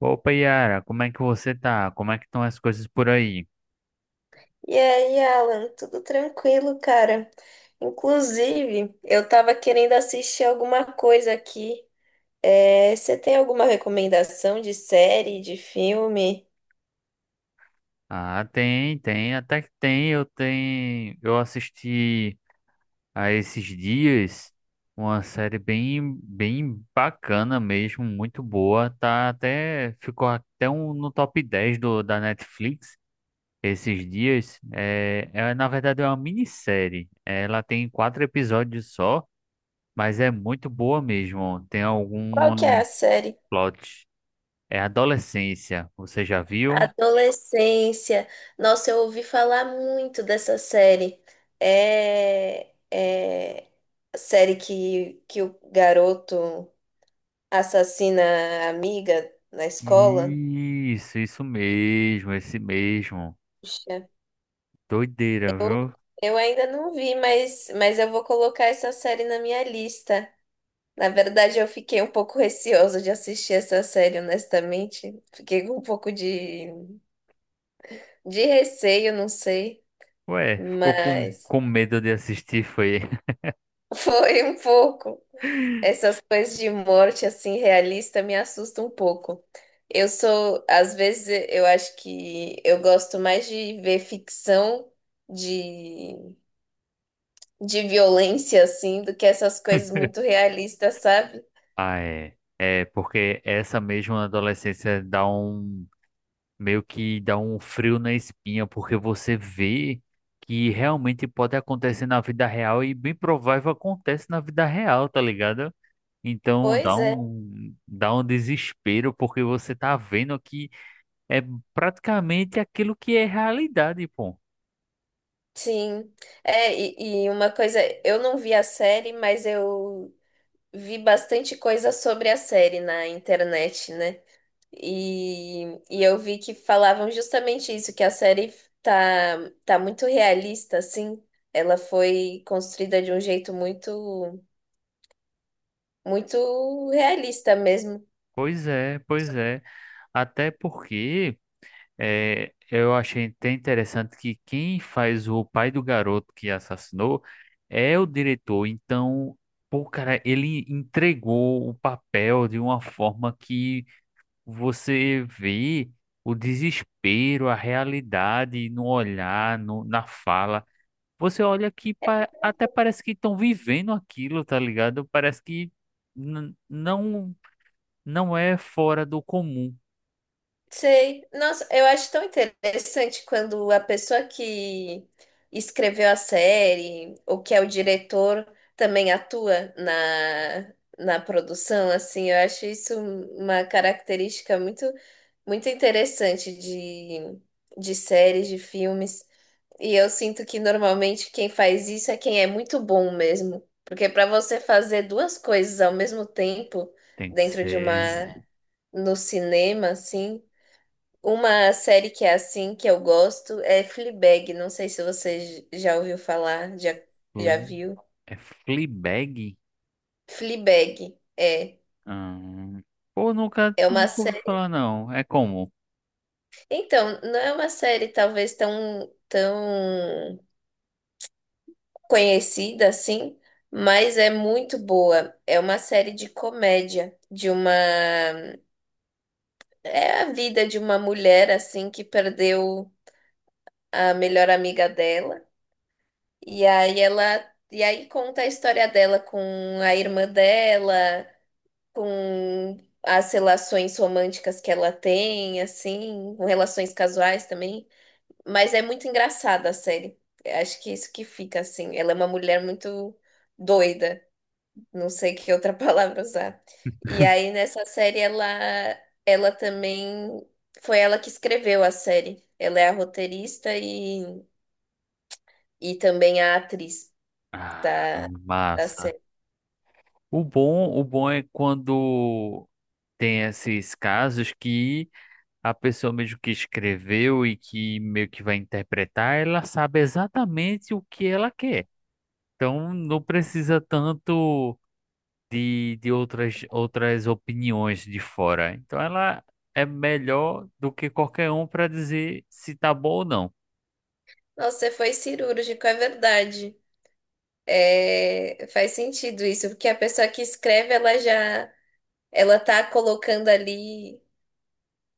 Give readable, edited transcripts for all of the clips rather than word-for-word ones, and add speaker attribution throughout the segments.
Speaker 1: Opa, Yara, como é que você tá? Como é que estão as coisas por aí?
Speaker 2: E aí, Alan, tudo tranquilo, cara? Inclusive, eu tava querendo assistir alguma coisa aqui. Você tem alguma recomendação de série, de filme?
Speaker 1: Ah, tem, até que tem. Eu assisti a esses dias uma série bem bacana mesmo, muito boa. Tá até ficou até um, no top 10 da Netflix esses dias. Na verdade é uma minissérie. Ela tem quatro episódios só, mas é muito boa mesmo. Tem
Speaker 2: Qual
Speaker 1: algumas
Speaker 2: que é a série?
Speaker 1: plot. É adolescência, você já viu?
Speaker 2: Adolescência. Nossa, eu ouvi falar muito dessa série. É a série que o garoto assassina a amiga na escola.
Speaker 1: Isso mesmo, esse mesmo.
Speaker 2: Puxa.
Speaker 1: Doideira, viu?
Speaker 2: Eu ainda não vi, mas eu vou colocar essa série na minha lista. Na verdade, eu fiquei um pouco receosa de assistir essa série, honestamente. Fiquei com um pouco de receio, não sei.
Speaker 1: Ué, ficou com,
Speaker 2: Mas
Speaker 1: com medo de assistir, foi.
Speaker 2: foi um pouco. Essas coisas de morte, assim, realista, me assustam um pouco. Eu sou, às vezes, eu acho que eu gosto mais de ver ficção de, de violência, assim, do que essas coisas muito realistas, sabe?
Speaker 1: Ah, é. É, porque essa mesma adolescência dá um. Meio que dá um frio na espinha, porque você vê que realmente pode acontecer na vida real e bem provável acontece na vida real, tá ligado? Então
Speaker 2: Pois é,
Speaker 1: dá um desespero, porque você tá vendo que. É praticamente aquilo que é realidade, pô.
Speaker 2: sim. E uma coisa, eu não vi a série, mas eu vi bastante coisa sobre a série na internet, né? E, e eu vi que falavam justamente isso, que a série tá, tá muito realista, assim. Ela foi construída de um jeito muito realista mesmo.
Speaker 1: Pois é, pois é. Até porque é, eu achei até interessante que quem faz o pai do garoto que assassinou é o diretor. Então, pô, cara, ele entregou o papel de uma forma que você vê o desespero, a realidade no olhar, no, na fala. Você olha que até parece que estão vivendo aquilo, tá ligado? Parece que n- não não é fora do comum.
Speaker 2: Sei. Nossa, eu acho tão interessante quando a pessoa que escreveu a série ou que é o diretor também atua na produção, assim, eu acho isso uma característica muito interessante de séries, de filmes. E eu sinto que normalmente quem faz isso é quem é muito bom mesmo. Porque para você fazer duas coisas ao mesmo tempo
Speaker 1: Tem que
Speaker 2: dentro de uma,
Speaker 1: ser
Speaker 2: no cinema, assim. Uma série que é assim, que eu gosto, é Fleabag. Não sei se você já ouviu falar, já,
Speaker 1: Fle
Speaker 2: já viu.
Speaker 1: é Fleabag?
Speaker 2: Fleabag, é.
Speaker 1: Hum. Pô,
Speaker 2: É uma
Speaker 1: nunca ouvi
Speaker 2: série.
Speaker 1: falar não. É como?
Speaker 2: Então, não é uma série talvez tão conhecida assim, mas é muito boa. É uma série de comédia, de uma. É a vida de uma mulher assim que perdeu a melhor amiga dela. E aí ela. E aí conta a história dela com a irmã dela. Com as relações românticas que ela tem, assim, com relações casuais também. Mas é muito engraçada a série. Acho que é isso que fica, assim. Ela é uma mulher muito doida, não sei que outra palavra usar. E aí nessa série ela também foi ela que escreveu a série. Ela é a roteirista e também a atriz
Speaker 1: Ah,
Speaker 2: da, da
Speaker 1: massa.
Speaker 2: série.
Speaker 1: O bom é quando tem esses casos que a pessoa mesmo que escreveu e que meio que vai interpretar, ela sabe exatamente o que ela quer. Então não precisa tanto de outras opiniões de fora. Então ela é melhor do que qualquer um para dizer se tá bom ou não.
Speaker 2: Nossa, você foi cirúrgico, é verdade. É, faz sentido isso, porque a pessoa que escreve, ela tá colocando ali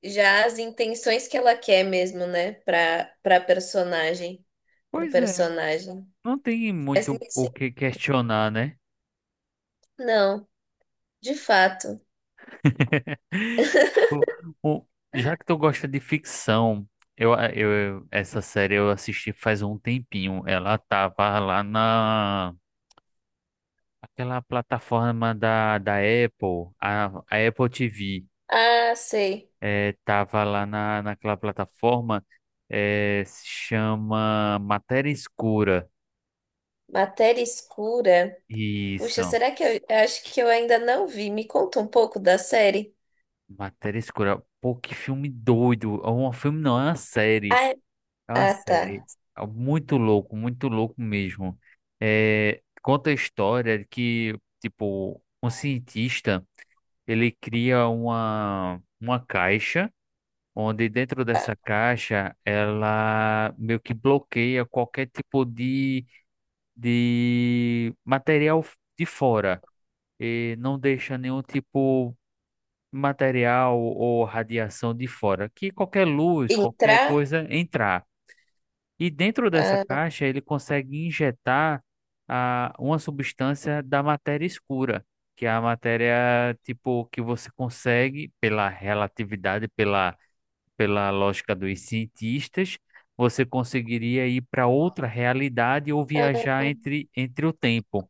Speaker 2: já as intenções que ela quer mesmo, né, para personagem, pro
Speaker 1: Pois é,
Speaker 2: personagem.
Speaker 1: não tem
Speaker 2: Faz
Speaker 1: muito
Speaker 2: muito
Speaker 1: o
Speaker 2: sentido.
Speaker 1: que questionar, né?
Speaker 2: Não, de fato.
Speaker 1: O- o- Já que tu gosta de ficção, essa série eu assisti faz um tempinho. Ela tava lá na aquela plataforma da Apple, a Apple TV.
Speaker 2: Ah, sei.
Speaker 1: Tava lá na, naquela plataforma, se chama Matéria Escura.
Speaker 2: Matéria escura. Puxa,
Speaker 1: Isso,
Speaker 2: será que eu acho que eu ainda não vi? Me conta um pouco da série.
Speaker 1: Matéria Escura. Pô, que filme doido. É um filme não, é uma série.
Speaker 2: Ah, é-
Speaker 1: É uma
Speaker 2: ah, tá.
Speaker 1: série. É muito louco mesmo. Conta a história de que, tipo, um cientista, ele cria uma caixa onde dentro dessa caixa ela meio que bloqueia qualquer tipo de material de fora e não deixa nenhum tipo de material ou radiação de fora, que qualquer luz, qualquer
Speaker 2: Entrar?
Speaker 1: coisa entrar. E dentro dessa
Speaker 2: Ah,
Speaker 1: caixa ele consegue injetar uma substância da matéria escura, que é a matéria tipo que você consegue pela relatividade, pela lógica dos cientistas, você conseguiria ir para outra realidade ou viajar entre o tempo.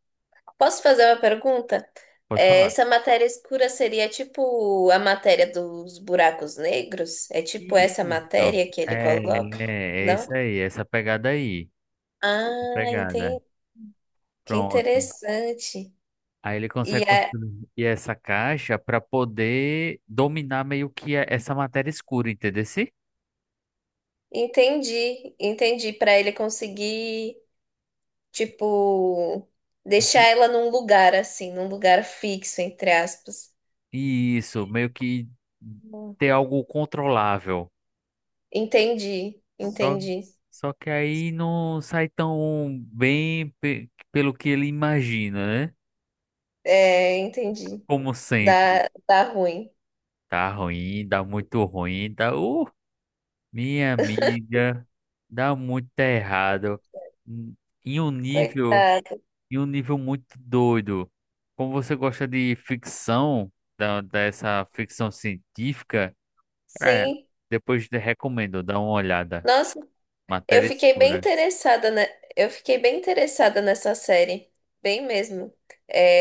Speaker 2: posso fazer uma pergunta?
Speaker 1: Pode
Speaker 2: É,
Speaker 1: falar.
Speaker 2: essa matéria escura seria tipo a matéria dos buracos negros? É tipo essa
Speaker 1: Isso.
Speaker 2: matéria que ele
Speaker 1: É,
Speaker 2: coloca?
Speaker 1: é
Speaker 2: Não?
Speaker 1: isso aí, essa pegada aí. Essa
Speaker 2: Ah,
Speaker 1: pegada.
Speaker 2: entendi. Que
Speaker 1: Pronto.
Speaker 2: interessante.
Speaker 1: Aí ele
Speaker 2: E
Speaker 1: consegue
Speaker 2: é,
Speaker 1: construir essa caixa para poder dominar meio que essa matéria escura, entendeu?
Speaker 2: entendi, entendi. Para ele conseguir, tipo, deixar ela num lugar assim, num lugar fixo, entre aspas.
Speaker 1: Isso, meio que
Speaker 2: Hum.
Speaker 1: ter algo controlável.
Speaker 2: Entendi,
Speaker 1: Só,
Speaker 2: entendi.
Speaker 1: Só que aí não sai tão bem pelo que ele imagina, né?
Speaker 2: É, entendi.
Speaker 1: Como sempre.
Speaker 2: Dá, dá ruim.
Speaker 1: Tá ruim, dá muito ruim, dá. Minha amiga, dá muito errado. Hum, Em um nível,
Speaker 2: Coitado.
Speaker 1: em um nível muito doido. Como você gosta de ficção, dessa ficção científica, é,
Speaker 2: Sim.
Speaker 1: depois te recomendo, dá uma olhada.
Speaker 2: Nossa, eu
Speaker 1: Matéria
Speaker 2: fiquei bem
Speaker 1: escura,
Speaker 2: interessada, né? Eu fiquei bem interessada nessa série, bem mesmo.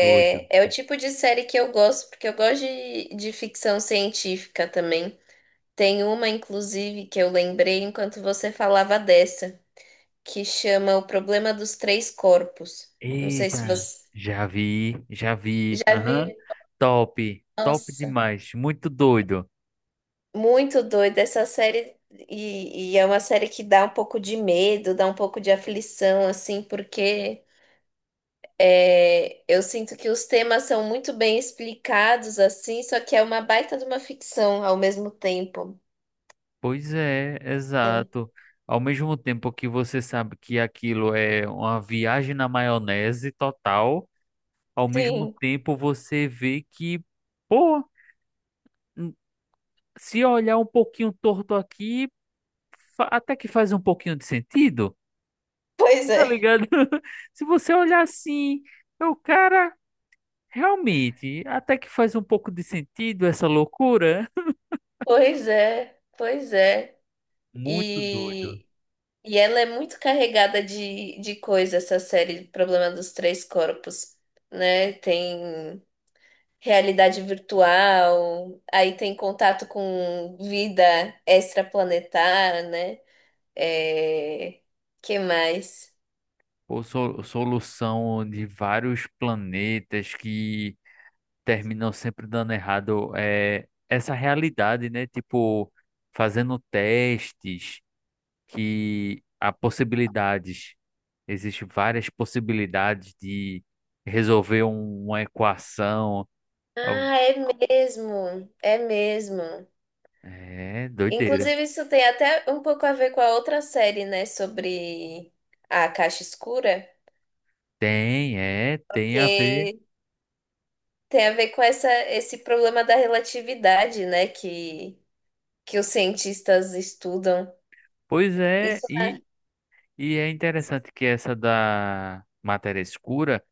Speaker 1: doido.
Speaker 2: é o tipo de série que eu gosto, porque eu gosto de ficção científica também. Tem uma, inclusive, que eu lembrei enquanto você falava dessa, que chama O Problema dos Três Corpos. Não sei se
Speaker 1: Eita,
Speaker 2: você
Speaker 1: já vi, já vi.
Speaker 2: já
Speaker 1: Aham.
Speaker 2: viu.
Speaker 1: Top, top
Speaker 2: Nossa,
Speaker 1: demais, muito doido.
Speaker 2: muito doida essa série. E é uma série que dá um pouco de medo, dá um pouco de aflição, assim, porque. É, eu sinto que os temas são muito bem explicados, assim, só que é uma baita de uma ficção ao mesmo tempo.
Speaker 1: Pois é,
Speaker 2: Né?
Speaker 1: exato. Ao mesmo tempo que você sabe que aquilo é uma viagem na maionese total, ao mesmo
Speaker 2: Sim,
Speaker 1: tempo você vê que, pô, n- se olhar um pouquinho torto aqui, até que faz um pouquinho de sentido,
Speaker 2: pois
Speaker 1: tá
Speaker 2: é,
Speaker 1: ligado? Se você olhar assim, o cara, realmente, até que faz um pouco de sentido essa loucura.
Speaker 2: pois é, pois é.
Speaker 1: Muito doido.
Speaker 2: E, e ela é muito carregada de coisa, essa série Problema dos Três Corpos, né? Tem realidade virtual, aí tem contato com vida extraplanetária, né? É, que mais?
Speaker 1: Ou solução de vários planetas que terminam sempre dando errado é essa realidade, né? Tipo, fazendo testes que há possibilidades, existem várias possibilidades de resolver uma equação. Al-
Speaker 2: Ah, é mesmo, é mesmo.
Speaker 1: É doideira.
Speaker 2: Inclusive, isso tem até um pouco a ver com a outra série, né, sobre a caixa escura,
Speaker 1: Tem, é, tem a ver.
Speaker 2: que tem a ver com essa, esse problema da relatividade, né, que os cientistas estudam.
Speaker 1: Pois é,
Speaker 2: Isso,
Speaker 1: e é interessante que essa da matéria escura.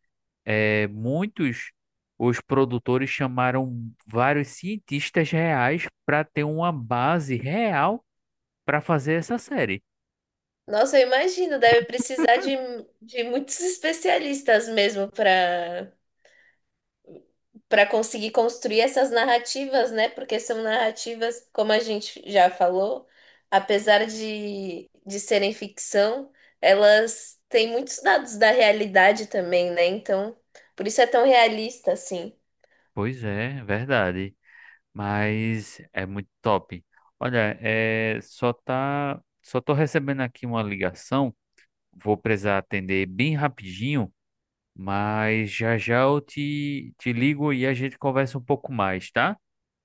Speaker 1: É, muitos os produtores chamaram vários cientistas reais para ter uma base real para fazer essa série.
Speaker 2: nossa, eu imagino, deve precisar de muitos especialistas mesmo para conseguir construir essas narrativas, né? Porque são narrativas, como a gente já falou, apesar de serem ficção, elas têm muitos dados da realidade também, né? Então, por isso é tão realista, assim.
Speaker 1: Pois é, verdade. Mas é muito top. Olha, é, só tô recebendo aqui uma ligação. Vou precisar atender bem rapidinho, mas já já eu te ligo e a gente conversa um pouco mais, tá?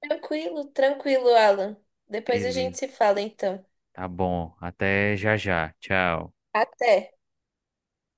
Speaker 2: Tranquilo, tranquilo, Alan. Depois a
Speaker 1: Beleza,
Speaker 2: gente se fala, então.
Speaker 1: tá bom. Até já já. Tchau.
Speaker 2: Até.